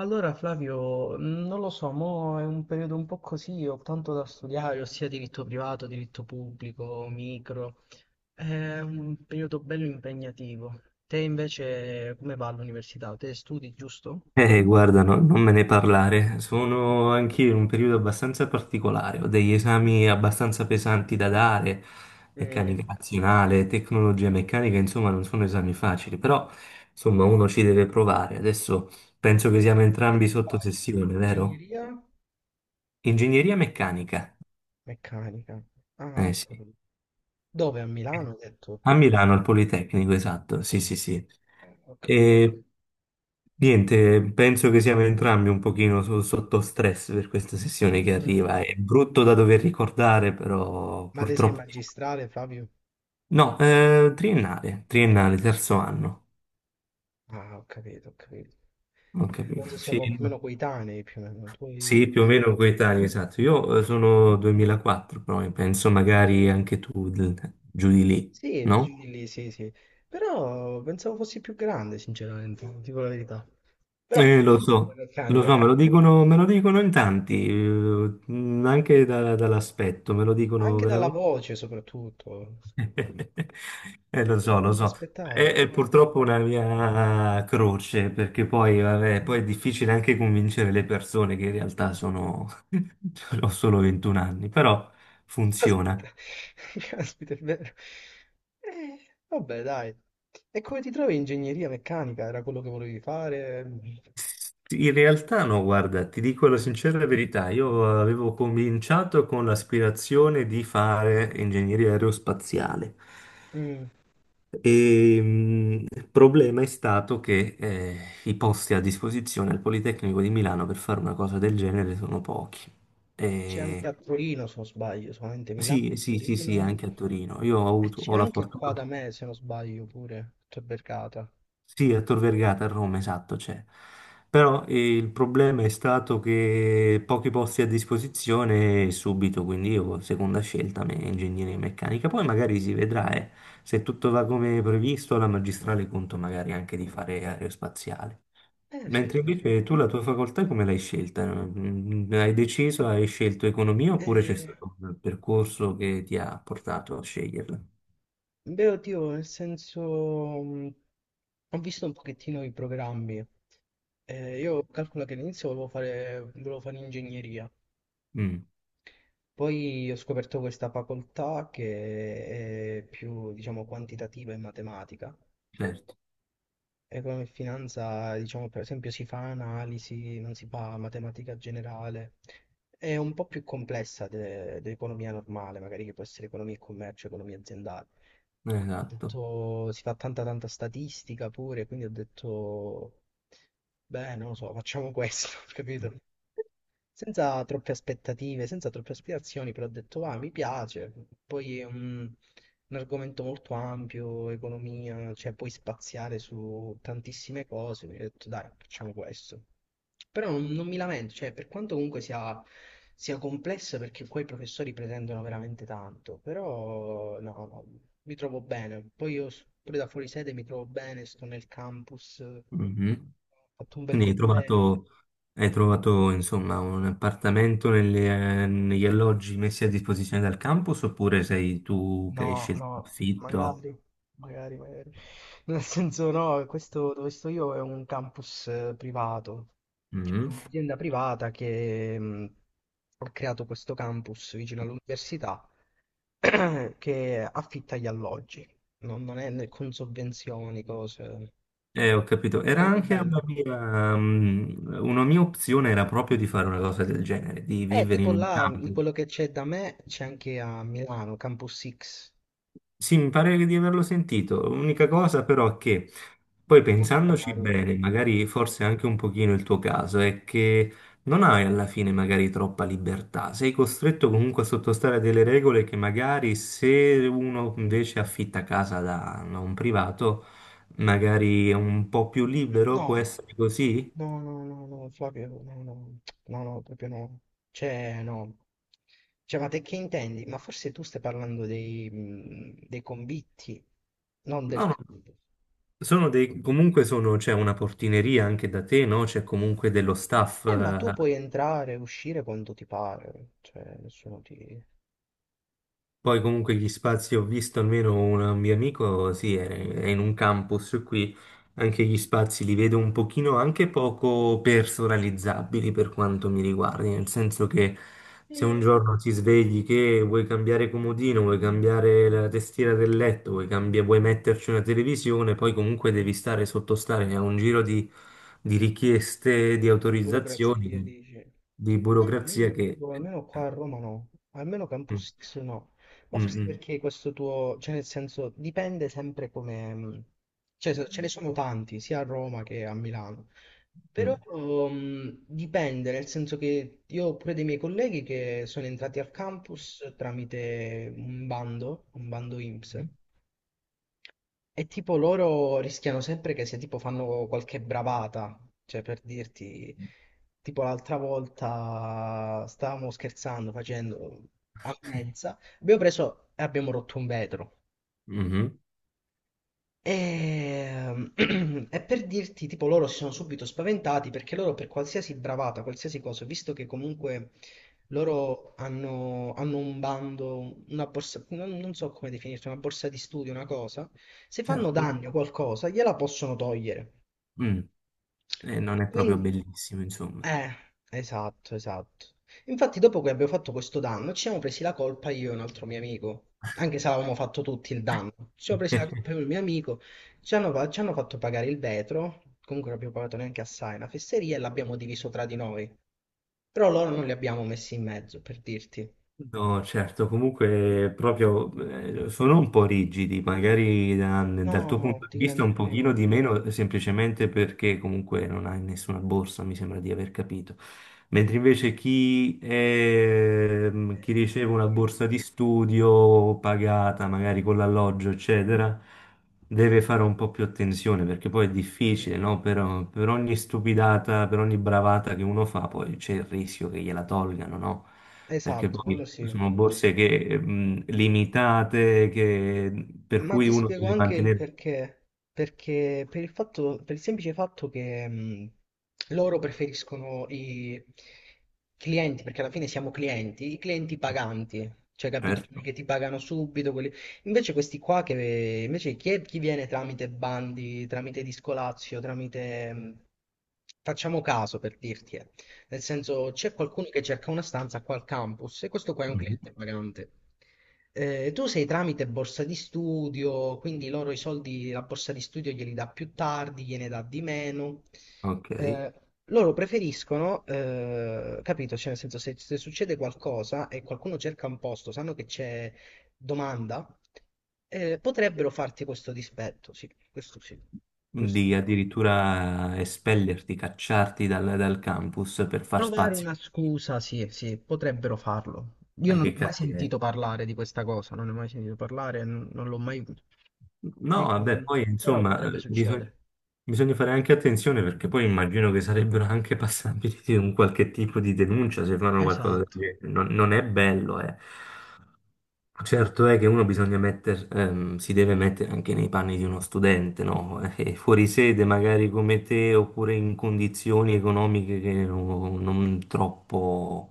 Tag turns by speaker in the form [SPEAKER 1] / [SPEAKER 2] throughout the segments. [SPEAKER 1] Allora Flavio, non lo so, mo è un periodo un po' così, ho tanto da studiare, ossia diritto privato, diritto pubblico, micro. È un periodo bello impegnativo. Te invece come va all'università? Te studi, giusto?
[SPEAKER 2] Guarda, non me ne parlare. Sono anch'io in un periodo abbastanza particolare. Ho degli esami abbastanza pesanti da dare,
[SPEAKER 1] Mm,
[SPEAKER 2] meccanica nazionale, tecnologia meccanica, insomma, non sono esami facili, però insomma, uno ci deve provare. Adesso penso che siamo entrambi sotto
[SPEAKER 1] poi,
[SPEAKER 2] sessione, vero?
[SPEAKER 1] ingegneria
[SPEAKER 2] Ingegneria meccanica.
[SPEAKER 1] meccanica. Ah,
[SPEAKER 2] Eh
[SPEAKER 1] ho
[SPEAKER 2] sì.
[SPEAKER 1] capito. Dove? A Milano, hai detto?
[SPEAKER 2] A Milano, al Politecnico, esatto, sì, sì, sì.
[SPEAKER 1] Ho capito.
[SPEAKER 2] E niente, penso che siamo entrambi un pochino sotto stress per questa sessione che
[SPEAKER 1] Mm,
[SPEAKER 2] arriva. È brutto da dover ricordare, però
[SPEAKER 1] ma te sei
[SPEAKER 2] purtroppo.
[SPEAKER 1] magistrale, Flavio?
[SPEAKER 2] No, triennale, triennale, terzo anno.
[SPEAKER 1] Ah, ho capito, ho capito.
[SPEAKER 2] Ho capito.
[SPEAKER 1] Penso siamo
[SPEAKER 2] Sì,
[SPEAKER 1] più o
[SPEAKER 2] no.
[SPEAKER 1] meno coetanei, più o meno. Tu
[SPEAKER 2] Sì,
[SPEAKER 1] hai-
[SPEAKER 2] più o meno coetaneo, esatto. Io sono 2004, però penso magari anche tu giù di lì,
[SPEAKER 1] sì,
[SPEAKER 2] no?
[SPEAKER 1] giri lì, sì, sì. Però pensavo fossi più grande, sinceramente, dico la verità. Però
[SPEAKER 2] Eh, lo
[SPEAKER 1] la
[SPEAKER 2] so, lo
[SPEAKER 1] meccanica,
[SPEAKER 2] so, me lo dicono in tanti, anche dall'aspetto, me lo dicono
[SPEAKER 1] anche dalla
[SPEAKER 2] veramente.
[SPEAKER 1] voce soprattutto,
[SPEAKER 2] Lo so,
[SPEAKER 1] non
[SPEAKER 2] lo
[SPEAKER 1] me
[SPEAKER 2] so.
[SPEAKER 1] l'aspettavo.
[SPEAKER 2] È,
[SPEAKER 1] Non
[SPEAKER 2] è
[SPEAKER 1] me
[SPEAKER 2] purtroppo
[SPEAKER 1] l'aspettavo.
[SPEAKER 2] una mia croce, perché poi, vabbè, poi è difficile anche convincere le persone che in realtà sono. Ho solo 21 anni, però
[SPEAKER 1] Aspetta,
[SPEAKER 2] funziona.
[SPEAKER 1] caspita, è vero. Eh, vabbè, dai. E come ti trovi in ingegneria meccanica? Era quello che volevi fare?
[SPEAKER 2] Sì, in realtà no, guarda, ti dico la sincera verità, io avevo cominciato con l'aspirazione di fare ingegneria aerospaziale
[SPEAKER 1] Mm,
[SPEAKER 2] e il problema è stato che i posti a disposizione al Politecnico di Milano per fare una cosa del genere sono pochi.
[SPEAKER 1] c'è anche
[SPEAKER 2] E
[SPEAKER 1] a Torino, se non sbaglio, solamente Milano,
[SPEAKER 2] sì, sì, sì, sì,
[SPEAKER 1] Torino.
[SPEAKER 2] anche a Torino. Io ho
[SPEAKER 1] E
[SPEAKER 2] avuto,
[SPEAKER 1] c'è
[SPEAKER 2] ho la
[SPEAKER 1] anche qua da
[SPEAKER 2] fortuna.
[SPEAKER 1] me, se non sbaglio, pure, c'è Bergata.
[SPEAKER 2] Sì, a Tor Vergata a Roma, esatto, c'è. Però il problema è stato che pochi posti a disposizione subito, quindi io seconda scelta, ingegneria meccanica. Poi magari si vedrà, se tutto va come previsto, la magistrale conto magari anche di fare aerospaziale.
[SPEAKER 1] Eh sì,
[SPEAKER 2] Mentre
[SPEAKER 1] sì, sì.
[SPEAKER 2] invece tu la tua facoltà come l'hai scelta? Hai deciso, hai scelto economia oppure c'è
[SPEAKER 1] Eh,
[SPEAKER 2] stato un percorso che ti ha portato a sceglierla?
[SPEAKER 1] beh, oddio, nel senso, mh, ho visto un pochettino i programmi. Io calcolo che all'inizio volevo fare ingegneria,
[SPEAKER 2] Mm,
[SPEAKER 1] poi ho scoperto questa facoltà che è più, diciamo, quantitativa e matematica.
[SPEAKER 2] certo,
[SPEAKER 1] Economia e come in finanza, diciamo, per esempio, si fa analisi, non si fa matematica generale. È un po' più complessa dell'economia normale, magari che può essere economia e commercio, economia aziendale. E quindi ho
[SPEAKER 2] esatto.
[SPEAKER 1] detto, si fa tanta statistica pure, quindi ho detto, beh, non lo so, facciamo questo, capito? Senza troppe aspettative, senza troppe aspirazioni, però ho detto, ah, mi piace. Poi è un argomento molto ampio, economia, cioè puoi spaziare su tantissime cose. Quindi ho detto, dai, facciamo questo. Però non mi lamento, cioè, per quanto comunque sia complessa, perché qua i professori pretendono veramente tanto, però no, no, mi trovo bene. Poi io s- pure da fuori sede mi trovo bene, sto nel campus, ho fatto un bel
[SPEAKER 2] Quindi hai
[SPEAKER 1] gruppetto.
[SPEAKER 2] trovato, hai trovato, insomma, un appartamento negli alloggi messi a disposizione dal campus oppure sei tu che hai
[SPEAKER 1] No,
[SPEAKER 2] scelto
[SPEAKER 1] no,
[SPEAKER 2] l'affitto?
[SPEAKER 1] magari, magari, magari. Nel senso, no, questo dove sto io è un campus privato. Cioè, è
[SPEAKER 2] Mm.
[SPEAKER 1] un'azienda privata che ha creato questo campus vicino all'università che affitta gli alloggi, non è né con sovvenzioni, cose.
[SPEAKER 2] Ho capito. Era
[SPEAKER 1] Sarebbe
[SPEAKER 2] anche una
[SPEAKER 1] bello.
[SPEAKER 2] mia, mm, una mia opzione era proprio di fare una cosa del genere, di vivere in
[SPEAKER 1] Tipo
[SPEAKER 2] un
[SPEAKER 1] là,
[SPEAKER 2] campus.
[SPEAKER 1] quello che c'è da me c'è anche a Milano, Campus X.
[SPEAKER 2] Sì, mi pare di averlo sentito. L'unica cosa però è che poi
[SPEAKER 1] È molto
[SPEAKER 2] pensandoci
[SPEAKER 1] caro.
[SPEAKER 2] bene, magari forse anche un pochino il tuo caso, è che non hai alla fine magari troppa libertà. Sei costretto comunque a sottostare a delle regole che magari se uno invece affitta casa da un privato, magari è un po' più libero, può
[SPEAKER 1] No,
[SPEAKER 2] essere così?
[SPEAKER 1] no, no, no, no, Flavio, no, no, no, no, proprio no. Cioè, no. Cioè, ma te che intendi? Ma forse tu stai parlando dei convitti, non del
[SPEAKER 2] No, no.
[SPEAKER 1] campo.
[SPEAKER 2] Sono dei, comunque sono, c'è una portineria anche da te, no? C'è comunque dello staff,
[SPEAKER 1] Ma tu
[SPEAKER 2] eh,
[SPEAKER 1] puoi entrare e uscire quando ti pare, cioè, nessuno ti...
[SPEAKER 2] Poi comunque gli spazi, ho visto almeno un mio amico, sì, è in un campus qui, anche gli spazi li vedo un pochino anche poco personalizzabili per quanto mi riguardi, nel senso che se un
[SPEAKER 1] Eh,
[SPEAKER 2] giorno ti svegli che vuoi cambiare comodino, vuoi cambiare la tastiera del letto, vuoi metterci una televisione, poi comunque devi stare sottostare a un giro di, richieste, di
[SPEAKER 1] è
[SPEAKER 2] autorizzazioni,
[SPEAKER 1] burocrazia, dice.
[SPEAKER 2] di
[SPEAKER 1] No, no, io
[SPEAKER 2] burocrazia
[SPEAKER 1] ti
[SPEAKER 2] che.
[SPEAKER 1] dico, almeno qua a Roma no, almeno
[SPEAKER 2] eh,
[SPEAKER 1] Campus X no. Ma
[SPEAKER 2] Mm,
[SPEAKER 1] forse
[SPEAKER 2] mm,
[SPEAKER 1] perché questo tuo, cioè nel senso, dipende sempre come... cioè se- ce ne sono tanti, sia a Roma che a Milano.
[SPEAKER 2] mm,
[SPEAKER 1] Però dipende, nel senso che io ho pure dei miei colleghi che sono entrati al campus tramite un bando INPS,
[SPEAKER 2] mm.
[SPEAKER 1] e tipo loro rischiano sempre che se tipo fanno qualche bravata, cioè per dirti, tipo l'altra volta stavamo scherzando facendo a mensa, abbiamo preso e abbiamo rotto un vetro.
[SPEAKER 2] Mhm,
[SPEAKER 1] Ehm, e per dirti, tipo, loro si sono subito spaventati perché loro per qualsiasi bravata, qualsiasi cosa, visto che comunque hanno un bando, una borsa, non so come definirsi, una borsa di studio, una cosa, se fanno
[SPEAKER 2] certo.
[SPEAKER 1] danni o qualcosa, gliela possono togliere.
[SPEAKER 2] Mm, e non è proprio
[SPEAKER 1] Quindi,
[SPEAKER 2] bellissimo, insomma.
[SPEAKER 1] eh, esatto, esatto. Infatti, dopo che abbiamo fatto questo danno, ci siamo presi la colpa io e un altro mio amico. Anche se avevamo fatto tutti il danno, ci siamo presi la colpa io e il mio amico. Ci hanno, fa- ci hanno fatto pagare il vetro. Comunque, non abbiamo pagato neanche assai una fesseria e l'abbiamo diviso tra di noi. Però loro non li abbiamo messi in mezzo, per dirti.
[SPEAKER 2] No, certo, comunque proprio sono un po' rigidi, magari dal
[SPEAKER 1] No,
[SPEAKER 2] tuo
[SPEAKER 1] no,
[SPEAKER 2] punto di
[SPEAKER 1] ti
[SPEAKER 2] vista un
[SPEAKER 1] garantisco di
[SPEAKER 2] pochino
[SPEAKER 1] no.
[SPEAKER 2] di meno, semplicemente perché comunque non hai nessuna borsa, mi sembra di aver capito. Mentre invece chi riceve una
[SPEAKER 1] Sì,
[SPEAKER 2] borsa di studio pagata, magari con l'alloggio, eccetera. Deve fare un po' più attenzione perché poi è
[SPEAKER 1] sì.
[SPEAKER 2] difficile, no? Per ogni stupidata, per ogni bravata che uno fa, poi c'è il rischio che gliela tolgano, no? Perché
[SPEAKER 1] Esatto,
[SPEAKER 2] poi
[SPEAKER 1] quello sì.
[SPEAKER 2] sono borse che, limitate, per
[SPEAKER 1] Ma
[SPEAKER 2] cui
[SPEAKER 1] ti
[SPEAKER 2] uno
[SPEAKER 1] spiego
[SPEAKER 2] deve
[SPEAKER 1] anche il
[SPEAKER 2] mantenere.
[SPEAKER 1] perché. Perché per il fatto, per il semplice fatto che loro preferiscono i clienti, perché alla fine siamo clienti, i clienti paganti, cioè capito? Quelli
[SPEAKER 2] Certo.
[SPEAKER 1] che ti pagano subito. Quelli- invece questi qua che invece chi, è- chi viene tramite bandi, tramite Discolazio, tramite facciamo caso per dirti, eh. Nel senso, c'è qualcuno che cerca una stanza qua al campus e questo qua è un
[SPEAKER 2] Mhm.
[SPEAKER 1] cliente pagante. Tu sei tramite borsa di studio, quindi loro i soldi, la borsa di studio glieli dà più tardi, gliene dà di meno.
[SPEAKER 2] Ok.
[SPEAKER 1] Eh, loro preferiscono, capito? Cioè, nel senso, se succede qualcosa e qualcuno cerca un posto, sanno che c'è domanda, potrebbero farti questo dispetto, sì, questo sì. Questo
[SPEAKER 2] Di
[SPEAKER 1] sì.
[SPEAKER 2] addirittura espellerti, cacciarti dal campus per far
[SPEAKER 1] Trovare
[SPEAKER 2] spazio.
[SPEAKER 1] una scusa, sì, sì, potrebbero farlo. Io non
[SPEAKER 2] Che
[SPEAKER 1] ho mai
[SPEAKER 2] cattiveria.
[SPEAKER 1] sentito parlare di questa cosa, non ne ho mai sentito parlare, non l'ho mai...
[SPEAKER 2] No,
[SPEAKER 1] ne-
[SPEAKER 2] vabbè,
[SPEAKER 1] non-
[SPEAKER 2] poi
[SPEAKER 1] però
[SPEAKER 2] insomma,
[SPEAKER 1] potrebbe succedere.
[SPEAKER 2] bisogna fare anche attenzione perché poi immagino che sarebbero anche passabili di un qualche tipo di denuncia se fanno qualcosa del
[SPEAKER 1] Esatto,
[SPEAKER 2] genere. Non è bello, eh. Certo è che uno bisogna si deve mettere anche nei panni di uno studente, no? Fuori sede, magari come te, oppure in condizioni economiche che non troppo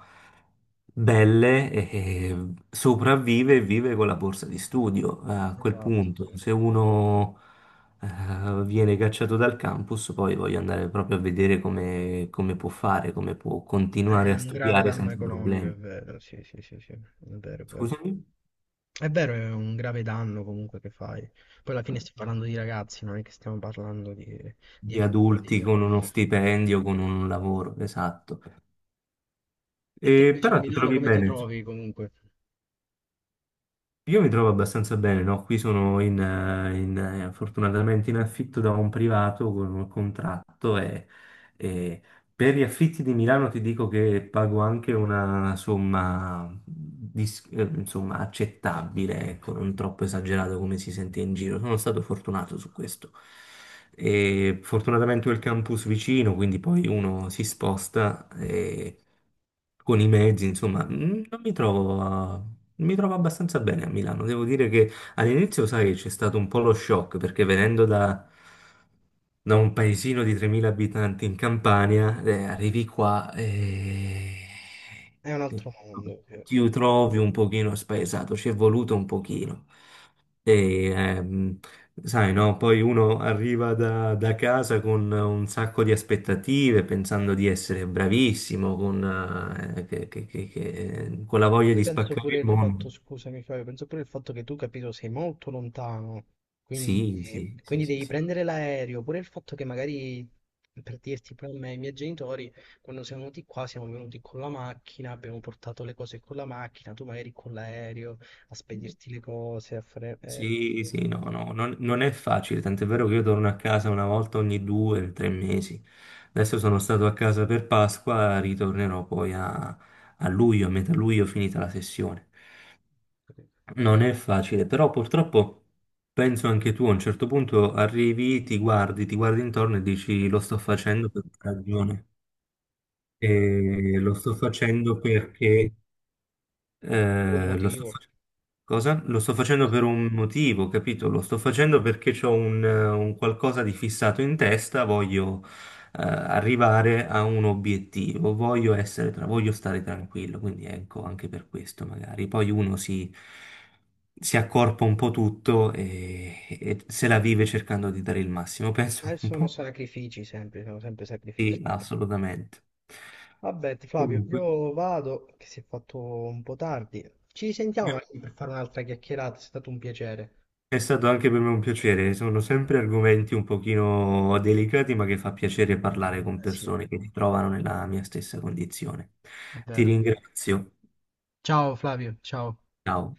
[SPEAKER 2] belle, e sopravvive e vive con la borsa di studio. A quel
[SPEAKER 1] esatto,
[SPEAKER 2] punto,
[SPEAKER 1] sì.
[SPEAKER 2] se uno viene cacciato dal campus, poi voglio andare proprio a vedere come, come può fare, come può
[SPEAKER 1] È
[SPEAKER 2] continuare a
[SPEAKER 1] un grave
[SPEAKER 2] studiare
[SPEAKER 1] danno
[SPEAKER 2] senza
[SPEAKER 1] economico, è
[SPEAKER 2] problemi.
[SPEAKER 1] vero, sì, sì, sì, sì, è vero, è vero.
[SPEAKER 2] Scusami?
[SPEAKER 1] È vero, è un grave danno comunque che fai. Poi alla fine stiamo parlando di ragazzi, non è che stiamo parlando di
[SPEAKER 2] Di
[SPEAKER 1] animali.
[SPEAKER 2] adulti
[SPEAKER 1] Eh.
[SPEAKER 2] con uno stipendio, con un lavoro, esatto.
[SPEAKER 1] E te
[SPEAKER 2] E,
[SPEAKER 1] invece a
[SPEAKER 2] però ti
[SPEAKER 1] Milano
[SPEAKER 2] trovi
[SPEAKER 1] come ti
[SPEAKER 2] bene.
[SPEAKER 1] trovi comunque?
[SPEAKER 2] Io mi trovo abbastanza bene, no? Qui sono in fortunatamente in affitto da un privato con un contratto e. Per gli affitti di Milano ti dico che pago anche una somma, insomma, accettabile, ecco, non troppo esagerato come si sente in giro. Sono stato fortunato su questo. E fortunatamente ho il campus vicino, quindi poi uno si sposta e con i mezzi, insomma, non mi trovo, a- mi trovo abbastanza bene a Milano. Devo dire che all'inizio, sai, c'è stato un po' lo shock perché venendo da un paesino di 3.000 abitanti in Campania, arrivi qua e
[SPEAKER 1] È un altro mondo, sì.
[SPEAKER 2] ti trovi un pochino spaesato, ci è voluto un pochino. E, sai, no? Poi uno arriva da casa con un sacco di aspettative, pensando di essere bravissimo, con, che- con la
[SPEAKER 1] Ma
[SPEAKER 2] voglia
[SPEAKER 1] poi
[SPEAKER 2] di
[SPEAKER 1] penso
[SPEAKER 2] spaccare
[SPEAKER 1] pure
[SPEAKER 2] il
[SPEAKER 1] il
[SPEAKER 2] mondo.
[SPEAKER 1] fatto, scusami Flavio, penso pure il fatto che tu, capito, sei molto lontano, quindi,
[SPEAKER 2] Sì, sì, sì,
[SPEAKER 1] quindi
[SPEAKER 2] sì,
[SPEAKER 1] devi
[SPEAKER 2] sì.
[SPEAKER 1] prendere l'aereo, pure il fatto che magari, per dirti, pure a me e ai miei genitori, quando siamo venuti qua, siamo venuti con la macchina, abbiamo portato le cose con la macchina, tu magari con l'aereo, a spedirti le cose, a fare...
[SPEAKER 2] Sì, sì, no, no, non è facile, tant'è vero che io torno a casa una volta ogni 2 o 3 mesi. Adesso sono stato a casa per Pasqua, ritornerò poi a luglio, a metà luglio, finita la sessione. Non è facile, però purtroppo penso anche tu, a un certo punto arrivi, ti guardi, intorno e dici lo sto facendo per ragione. E lo sto facendo perché
[SPEAKER 1] per un
[SPEAKER 2] lo sto
[SPEAKER 1] motivo.
[SPEAKER 2] facendo. Cosa? Lo sto facendo per un motivo, capito? Lo sto facendo perché ho un qualcosa di fissato in testa, voglio arrivare a un obiettivo, voglio stare tranquillo, quindi ecco, anche per questo magari. Poi uno si accorpa un po' tutto e se la vive cercando di dare il massimo, penso un
[SPEAKER 1] Adesso sono
[SPEAKER 2] po'.
[SPEAKER 1] sacrifici sempre, sono sempre sacrifici.
[SPEAKER 2] Sì, assolutamente.
[SPEAKER 1] Vabbè, Flavio,
[SPEAKER 2] Comunque.
[SPEAKER 1] io vado, che si è fatto un po' tardi. Ci risentiamo magari per fare un'altra chiacchierata, è stato un piacere.
[SPEAKER 2] È stato anche per me un piacere, sono sempre argomenti un pochino delicati, ma che fa piacere parlare con
[SPEAKER 1] Eh sì,
[SPEAKER 2] persone che si trovano nella mia stessa condizione. Ti
[SPEAKER 1] davvero.
[SPEAKER 2] ringrazio.
[SPEAKER 1] Ciao Flavio, ciao.
[SPEAKER 2] Ciao.